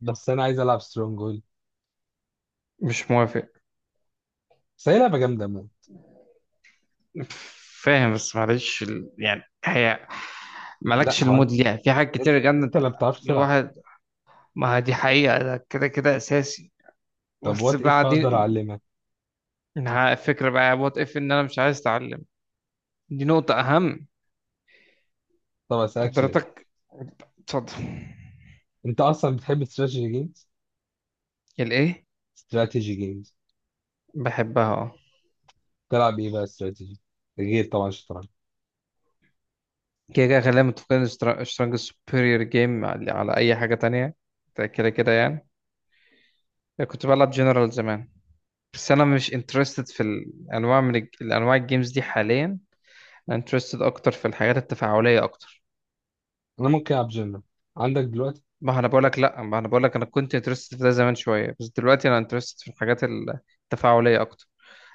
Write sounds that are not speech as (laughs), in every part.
بس انا عايز العب سترونج هولد. مش موافق. بس هي لعبه جامده موت. فاهم بس معلش هي لا مالكش هو انت المود ليها في حاجات انت كتير جنة أنت اللي ما بتعرفش تلعب. الواحد. ما هي دي حقيقة، ده كده كده أساسي. طب بس وات اف اقدر بعدين، اعلمك. ها، الفكرة بقى وات إف إن أنا مش عايز أتعلم. دي نقطة أهم. طب اسالك سؤال، قدرتك اتفضل. انت اصلا بتحب استراتيجي جيمز؟ الإيه؟ استراتيجي جيمز. بحبها اه. تلعب ايه بقى استراتيجي، غير طبعا الشطرنج؟ كده كده خلينا متفقين، سترونج سوبيريور جيم على أي حاجة تانية. ده كده كده يعني. كنت بلعب جنرال زمان، بس انا مش انترستد في الانواع من الانواع الجيمز دي حاليا. انا انترستد اكتر في الحاجات التفاعليه اكتر. انا ممكن العب جنرال، عندك دلوقتي؟ ما انا بقول لك لا ما انا بقول لك انا كنت انترستد في ده زمان شويه، بس دلوقتي انا انترستد في الحاجات التفاعليه اكتر،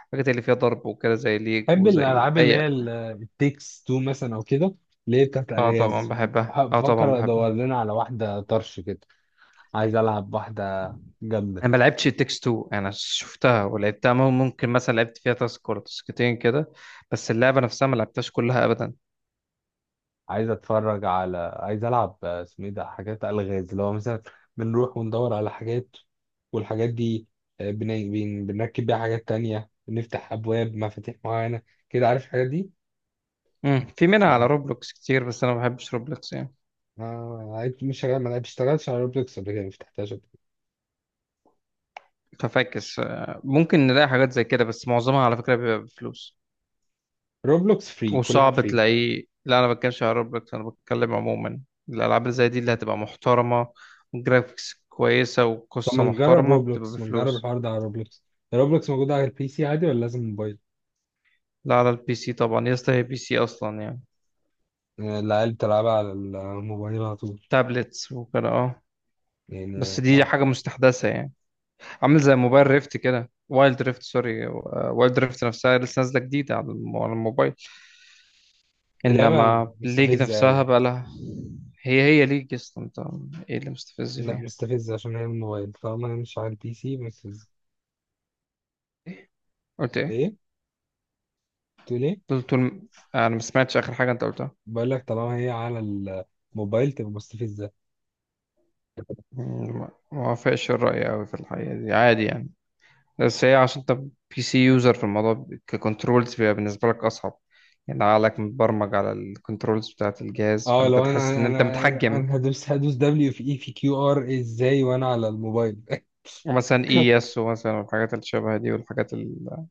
الحاجات اللي فيها ضرب وكده، زي ليج بحب وزي الالعاب اللي هي اي. التيكس تو مثلا او كده، اللي هي بتاعت اه طبعا الغاز. بحبها، اه طبعا بفكر ادور بحبها. لنا على واحده طرش كده، عايز العب واحده جامده. انا ما لعبتش تكس 2، انا شفتها ولعبتها، ممكن مثلا لعبت فيها تاسك ولا تاسكتين كده، بس اللعبه نفسها ما لعبتهاش كلها ابدا. عايز اتفرج على، عايز العب، اسمه ايه ده، حاجات الغاز اللي هو مثلا بنروح وندور على حاجات والحاجات دي. بنركب بيها حاجات تانية، بنفتح ابواب مفاتيح معينة كده، عارف الحاجات دي؟ في منها على بحب. روبلوكس كتير، بس انا ما بحبش روبلوكس يعني. مش شغال، ما اشتغلتش على روبلوكس قبل كده، ما فتحتهاش قبل كده. ففاكس، ممكن نلاقي حاجات زي كده، بس معظمها على فكرة بيبقى بفلوس روبلوكس فري، كل حاجة وصعب فري. تلاقيه. لا أنا بتكلمش على روبلوكس، أنا بتكلم عموما الألعاب اللي زي دي اللي هتبقى محترمة وجرافيكس كويسة طب ما وقصة نجرب محترمة بتبقى روبلوكس، ما نجرب بفلوس. الحوار ده على روبلوكس. روبلوكس موجودة على البي سي عادي ولا لازم موبايل؟ لا على البي سي طبعا يا اسطى، هي بي سي أصلا يعني. العيال بتلعبها على الموبايل على طول. تابلتس وكده اه. يعني بس دي آه، حاجة مستحدثة يعني، عامل زي موبايل ريفت كده، وايلد ريفت، سوري، وايلد ريفت نفسها لسه نازلة جديدة على على الموبايل، اللعبة انما ليج مستفزة نفسها أوي. بقى لها. هي ليج اصلا انت. ايه اللي مستفز لا فيها؟ مستفزة عشان هي الموبايل، طالما هي مش على البي سي مستفزة. إيه؟ قلت ايه؟ ايه؟ تقول ايه؟ طول طول انا ما سمعتش اخر حاجه انت قلتها. بقول لك طالما هي على الموبايل تبقى مستفزة. مم، ما وافقش الراي قوي في الحقيقه، دي عادي يعني. بس هي عشان انت بي سي يوزر في الموضوع، ككنترولز بيبقى بالنسبه لك اصعب، يعني عقلك متبرمج على الكنترولز بتاعه الجهاز اه، فانت لو تحس ان انا انا انت متحكم. انا هدوس دبليو في اي في كيو ار ازاي وانا على الموبايل؟ ومثلا اي اس ومثلا والحاجات اللي شبه دي، والحاجات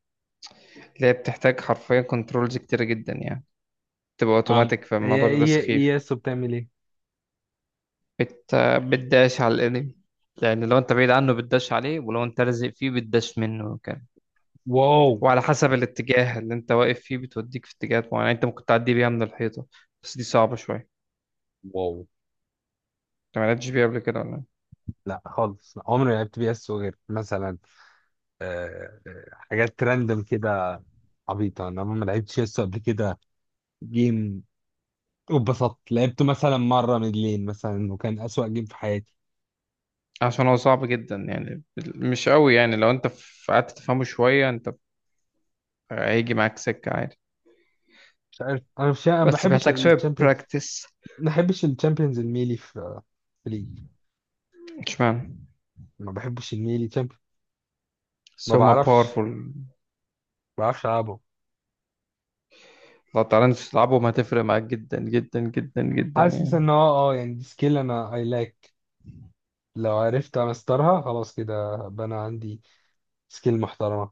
اللي هي بتحتاج حرفيا كنترولز كتيره جدا يعني تبقى (laughs) عم اوتوماتيك، هي فالموضوع بيبقى هي سخيف. اي اس بتعمل ايه؟ بت... بتداش على الانمي، لان لو انت بعيد عنه بتداش عليه، ولو انت لازق فيه بتداش منه كمان. واو. وعلى حسب الاتجاه اللي انت واقف فيه بتوديك في اتجاهات معينه، يعني انت ممكن تعدي بيها من الحيطه. بس دي صعبه شويه. واو. انت ما لعبتش بيها قبل كده ولا إيه؟ لا خالص، لا عمري ما لعبت بي اس غير مثلا حاجات راندوم كده. عبيطة، انا ما لعبتش اس قبل كده جيم. وبسطت لعبته مثلا مرة من لين مثلا وكان أسوأ جيم في حياتي. عشان هو صعب جدا يعني، مش قوي يعني، لو انت قعدت تفهمه شويه انت هيجي معاك سكه عادي، مش عارف، انا مش، انا ما بس بحبش بيحتاج شويه الشامبيونز. براكتس. ما بحبش الشامبيونز الميلي في ليج. اشمعنى؟ ما بحبش الميلي تشامبيون. بس ما هما بعرفش. باورفول، ما بعرفش العبه. لو تعرفش تلعبهم هتفرق معاك جدا جدا جدا جدا حاسس يعني. ان هو يعني دي سكيل انا اي لاك. لو عرفت امسترها خلاص، كده بقى انا عندي سكيل محترمه.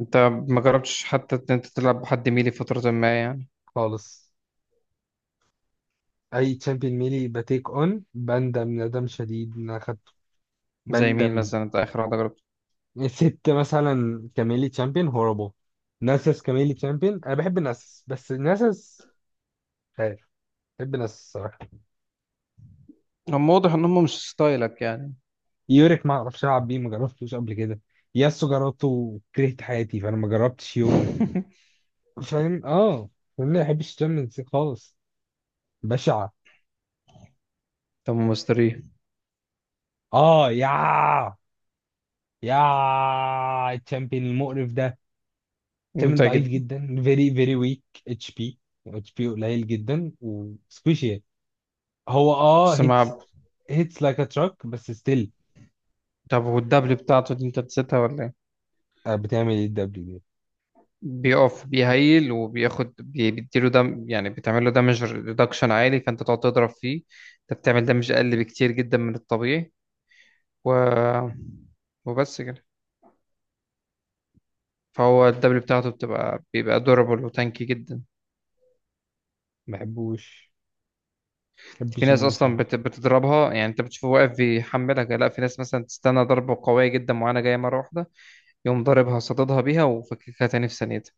انت ما جربتش حتى ان انت تلعب بحد ميلي فترة ما يعني؟ خالص. اي تشامبيون ميلي بتيك اون بندم ندم شديد ان انا اخدته. زي مين بندم. مثلا انت اخر واحدة جربت؟ ست مثلا كميلي تشامبيون هوربل. ناسس كميلي تشامبيون، انا بحب ناسس، بس ناسس. مش عارف. بحب ناسس الصراحه. هم واضح ان هم مش ستايلك يعني. يوريك ما اعرفش العب بيه، ما جربتوش قبل كده. ياسو جربته وكرهت حياتي، فانا ما جربتش يون. (laughs) فاهم اه. فاهم، ما بحبش الشامبيونز ليج خالص. بشعه. طب مستريح؟ اه، يا الشامبيون المقرف ده. الشامبيون ممتع ضعيف جدا. جدا، فيري فيري ويك. اتش بي، اتش بي قليل جدا وسكوشي. هو بس هيتس. مع، هيتس لايك ا تراك بس ستيل. طب والدبل بتاعته دي انت نسيتها ولا ايه؟ بتعمل ايه الدبليو دي؟ بيقف بيهيل وبياخد بيديله دم، يعني بتعمل له دامج ريدكشن عالي، فانت تقعد تضرب فيه انت بتعمل دامج اقل بكتير جدا من الطبيعي، و وبس كده. فهو الدبل بتاعته بيبقى دورابل وتانكي جدا. ما بحبوش. ما في بحبش ناس المنشن. اصلا بتضربها، يعني انت بتشوفه واقف بيحملها كده. لا، في ناس مثلا تستنى ضربة قوية جدا معينة جاية مرة واحدة يقوم ضاربها صاددها بيها وفككها تاني في ثانيتها.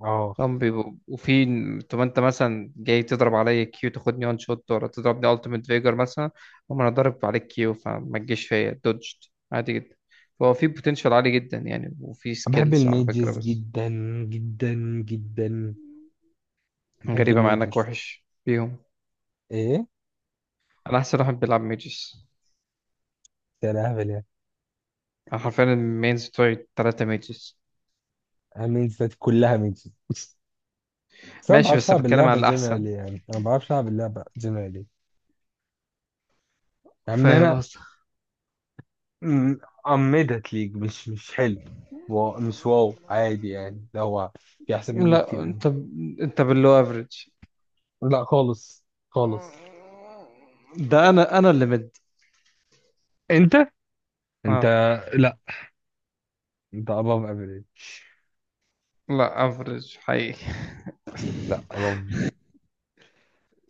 اه، هم بيبقوا وفي، طب انت مثلا جاي تضرب عليا كيو تاخدني وان شوت، ولا تضربني التيمت فيجر مثلا؟ هم انا ضارب عليك كيو فما تجيش فيا، دوجت عادي جدا. فهو في بوتنشال عالي جدا يعني، وفي أنا بحب سكيلز على فكرة الميجز بس. جدا جدا جدا، أنا بحب غريبة مع انك الميجز. وحش بيهم. ايه؟ انا احسن واحد بيلعب ميجز. يا لهبل يعني. أنا حرفيا المينز بتوعي تلاتة ميجز. أنا الميجز بتاعتي كلها ميجز بس. انا ما ماشي بعرفش بس أنا العب بتكلم اللعبه على الأحسن. جنرالي يعني، انا ما بعرفش العب اللعبه جنرالي. يعني إن فاهم انا قصدك. م- قمدت ليج، مش حلو. مش واو عادي يعني، ده هو في احسن مني لا كتير قوي. أنت، أنت باللو أفريج. لا خالص خالص. ده انا اللي مد. انت انت أه. لا، انت above average. لا أفريج حقيقي. لا above.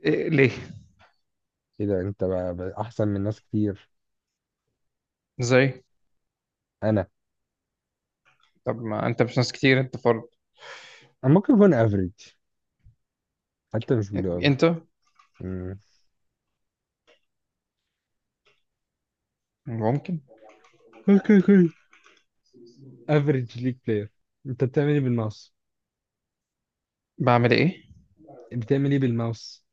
إيه ليه؟ كده انت بقى احسن من ناس كتير. إزاي؟ انا طب ما أنت مش ناس كتير، أنت فرد. انا ممكن اكون average، حتى مش بيلو قوي. أنت امم ممكن. اوكي، اوكي. افريج ليج بلاير. انت بتعمل ايه بالماوس؟ بعمل إيه؟ بتعمل ايه بالماوس؟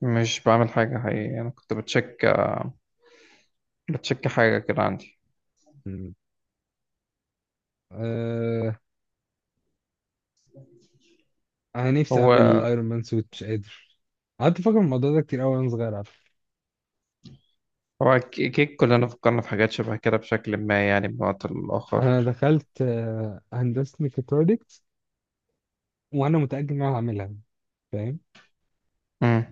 مش بعمل حاجة حقيقي، أنا كنت بتشيك، آه، بتشيك حاجة كده عندي. مم. آه... انا نفسي اعمل هو ايرون مان سوت، مش قادر. قعدت افكر في الموضوع ده كتير قوي وانا صغير على فكرة. هو كيك كلنا فكرنا في حاجات شبه كده بشكل ما، يعني بوقت انا الآخر. دخلت هندسه ميكاترونكس وانا متاكد ان انا هعملها، فاهم؟ مم.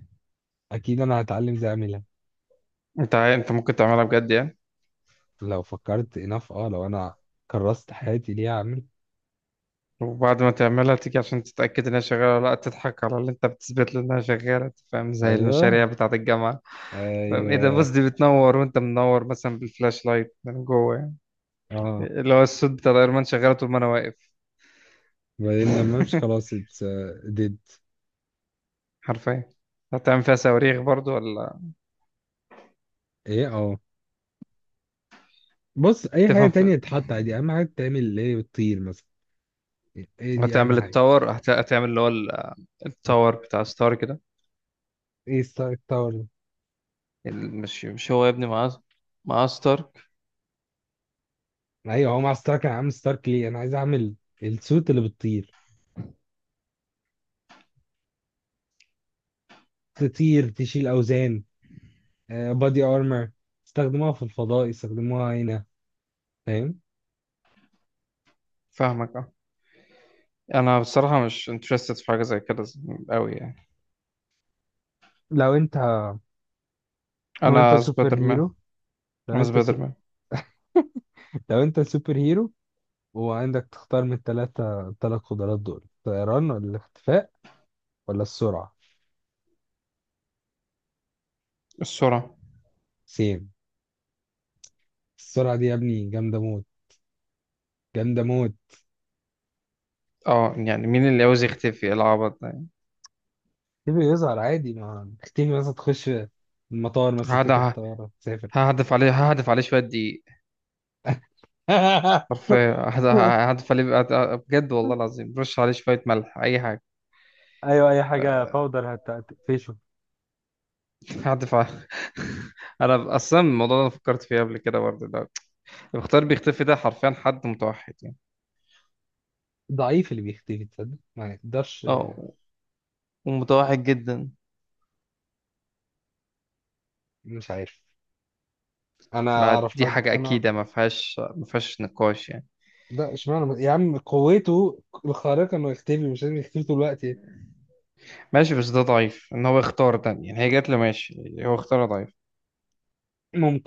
اكيد انا هتعلم ازاي اعملها. أنت أنت ممكن تعملها بجد يعني. لو فكرت انف اه لو انا كرست حياتي ليه اعمل. وبعد ما تعملها تيجي عشان تتأكد إنها شغالة ولا لأ، تضحك على اللي أنت بتثبت له إنها شغالة. فاهم؟ زي ايوه، المشاريع بتاعة الجامعة. فاهم إيه ده؟ بص، ايوه. دي بتنور وأنت منور مثلا بالفلاش لايت من جوه يعني، اه، اللي هو الصوت بتاع الأيرمان شغال طول ما أنا واقف. بعدين لما امشي خلاص، (laughs) اتس ديد. حرفيا. هتعمل فيها صواريخ برضو ولا؟ ايه اه، بص اي حاجه تفهم في... تانية تتحط عادي، اهم حاجه تعمل اللي هي بتطير مثلا. ايه دي اهم هتعمل حاجه. التاور، هتعمل اللي هو بت... التاور بتاع ستارك ده. ايه ستارك تاور؟ مش مش هو يا ابني، مع مع ستارك. ايوه هو مع ستارك، انا عامل ستارك ليه، انا عايز اعمل السوت اللي بتطير، تطير تشيل اوزان، بادي ارمor، استخدموها في الفضاء، استخدموها هنا، فاهم؟ فاهمك اه. انا بصراحة مش interested في حاجة زي كده قوي يعني. لو انت لو انت انا سوبر سبايدر مان. هيرو، لو انا انت سبايدر سوب... مان. لو انت سوبر هيرو، وعندك تختار من الثلاث قدرات دول، الطيران ولا الاختفاء ولا السرعه؟ السرعة. سيم. السرعه دي يا ابني جامده موت، جامده موت. اه يعني مين اللي عاوز يختفي؟ إيه العبط ده؟ تيجي يظهر عادي، ما تيجي مثلا تخش المطار مثلا هقعد تركب الطيارة تسافر. ههدف عليه، ههدف عليه شوية دقيق. (laughs) حرفيا ههدف عليه بجد والله العظيم، رش عليه شوية ملح أي حاجة. ايوه، اي حاجه آه، باودر هتقفشه. ههدف عليه. (laughs) أنا أصلا الموضوع ده أنا فكرت فيه قبل كده برضه. ده المختار بيختفي ده حرفيا حد متوحد يعني. ضعيف اللي بيختفي، تصدق ما يقدرش. اه. ومتوحد جدا. مش عارف، انا ما اعرف دي حد، حاجة انا. أكيدة، ما فيهاش نقاش يعني. لا، اشمعنى يا عم، قوته الخارقة انه يختفي مش لازم يختفي طول الوقت. ماشي بس ده ضعيف إن هو يختار ده، يعني هي جات له ماشي، هو اختار ضعيف. يعني.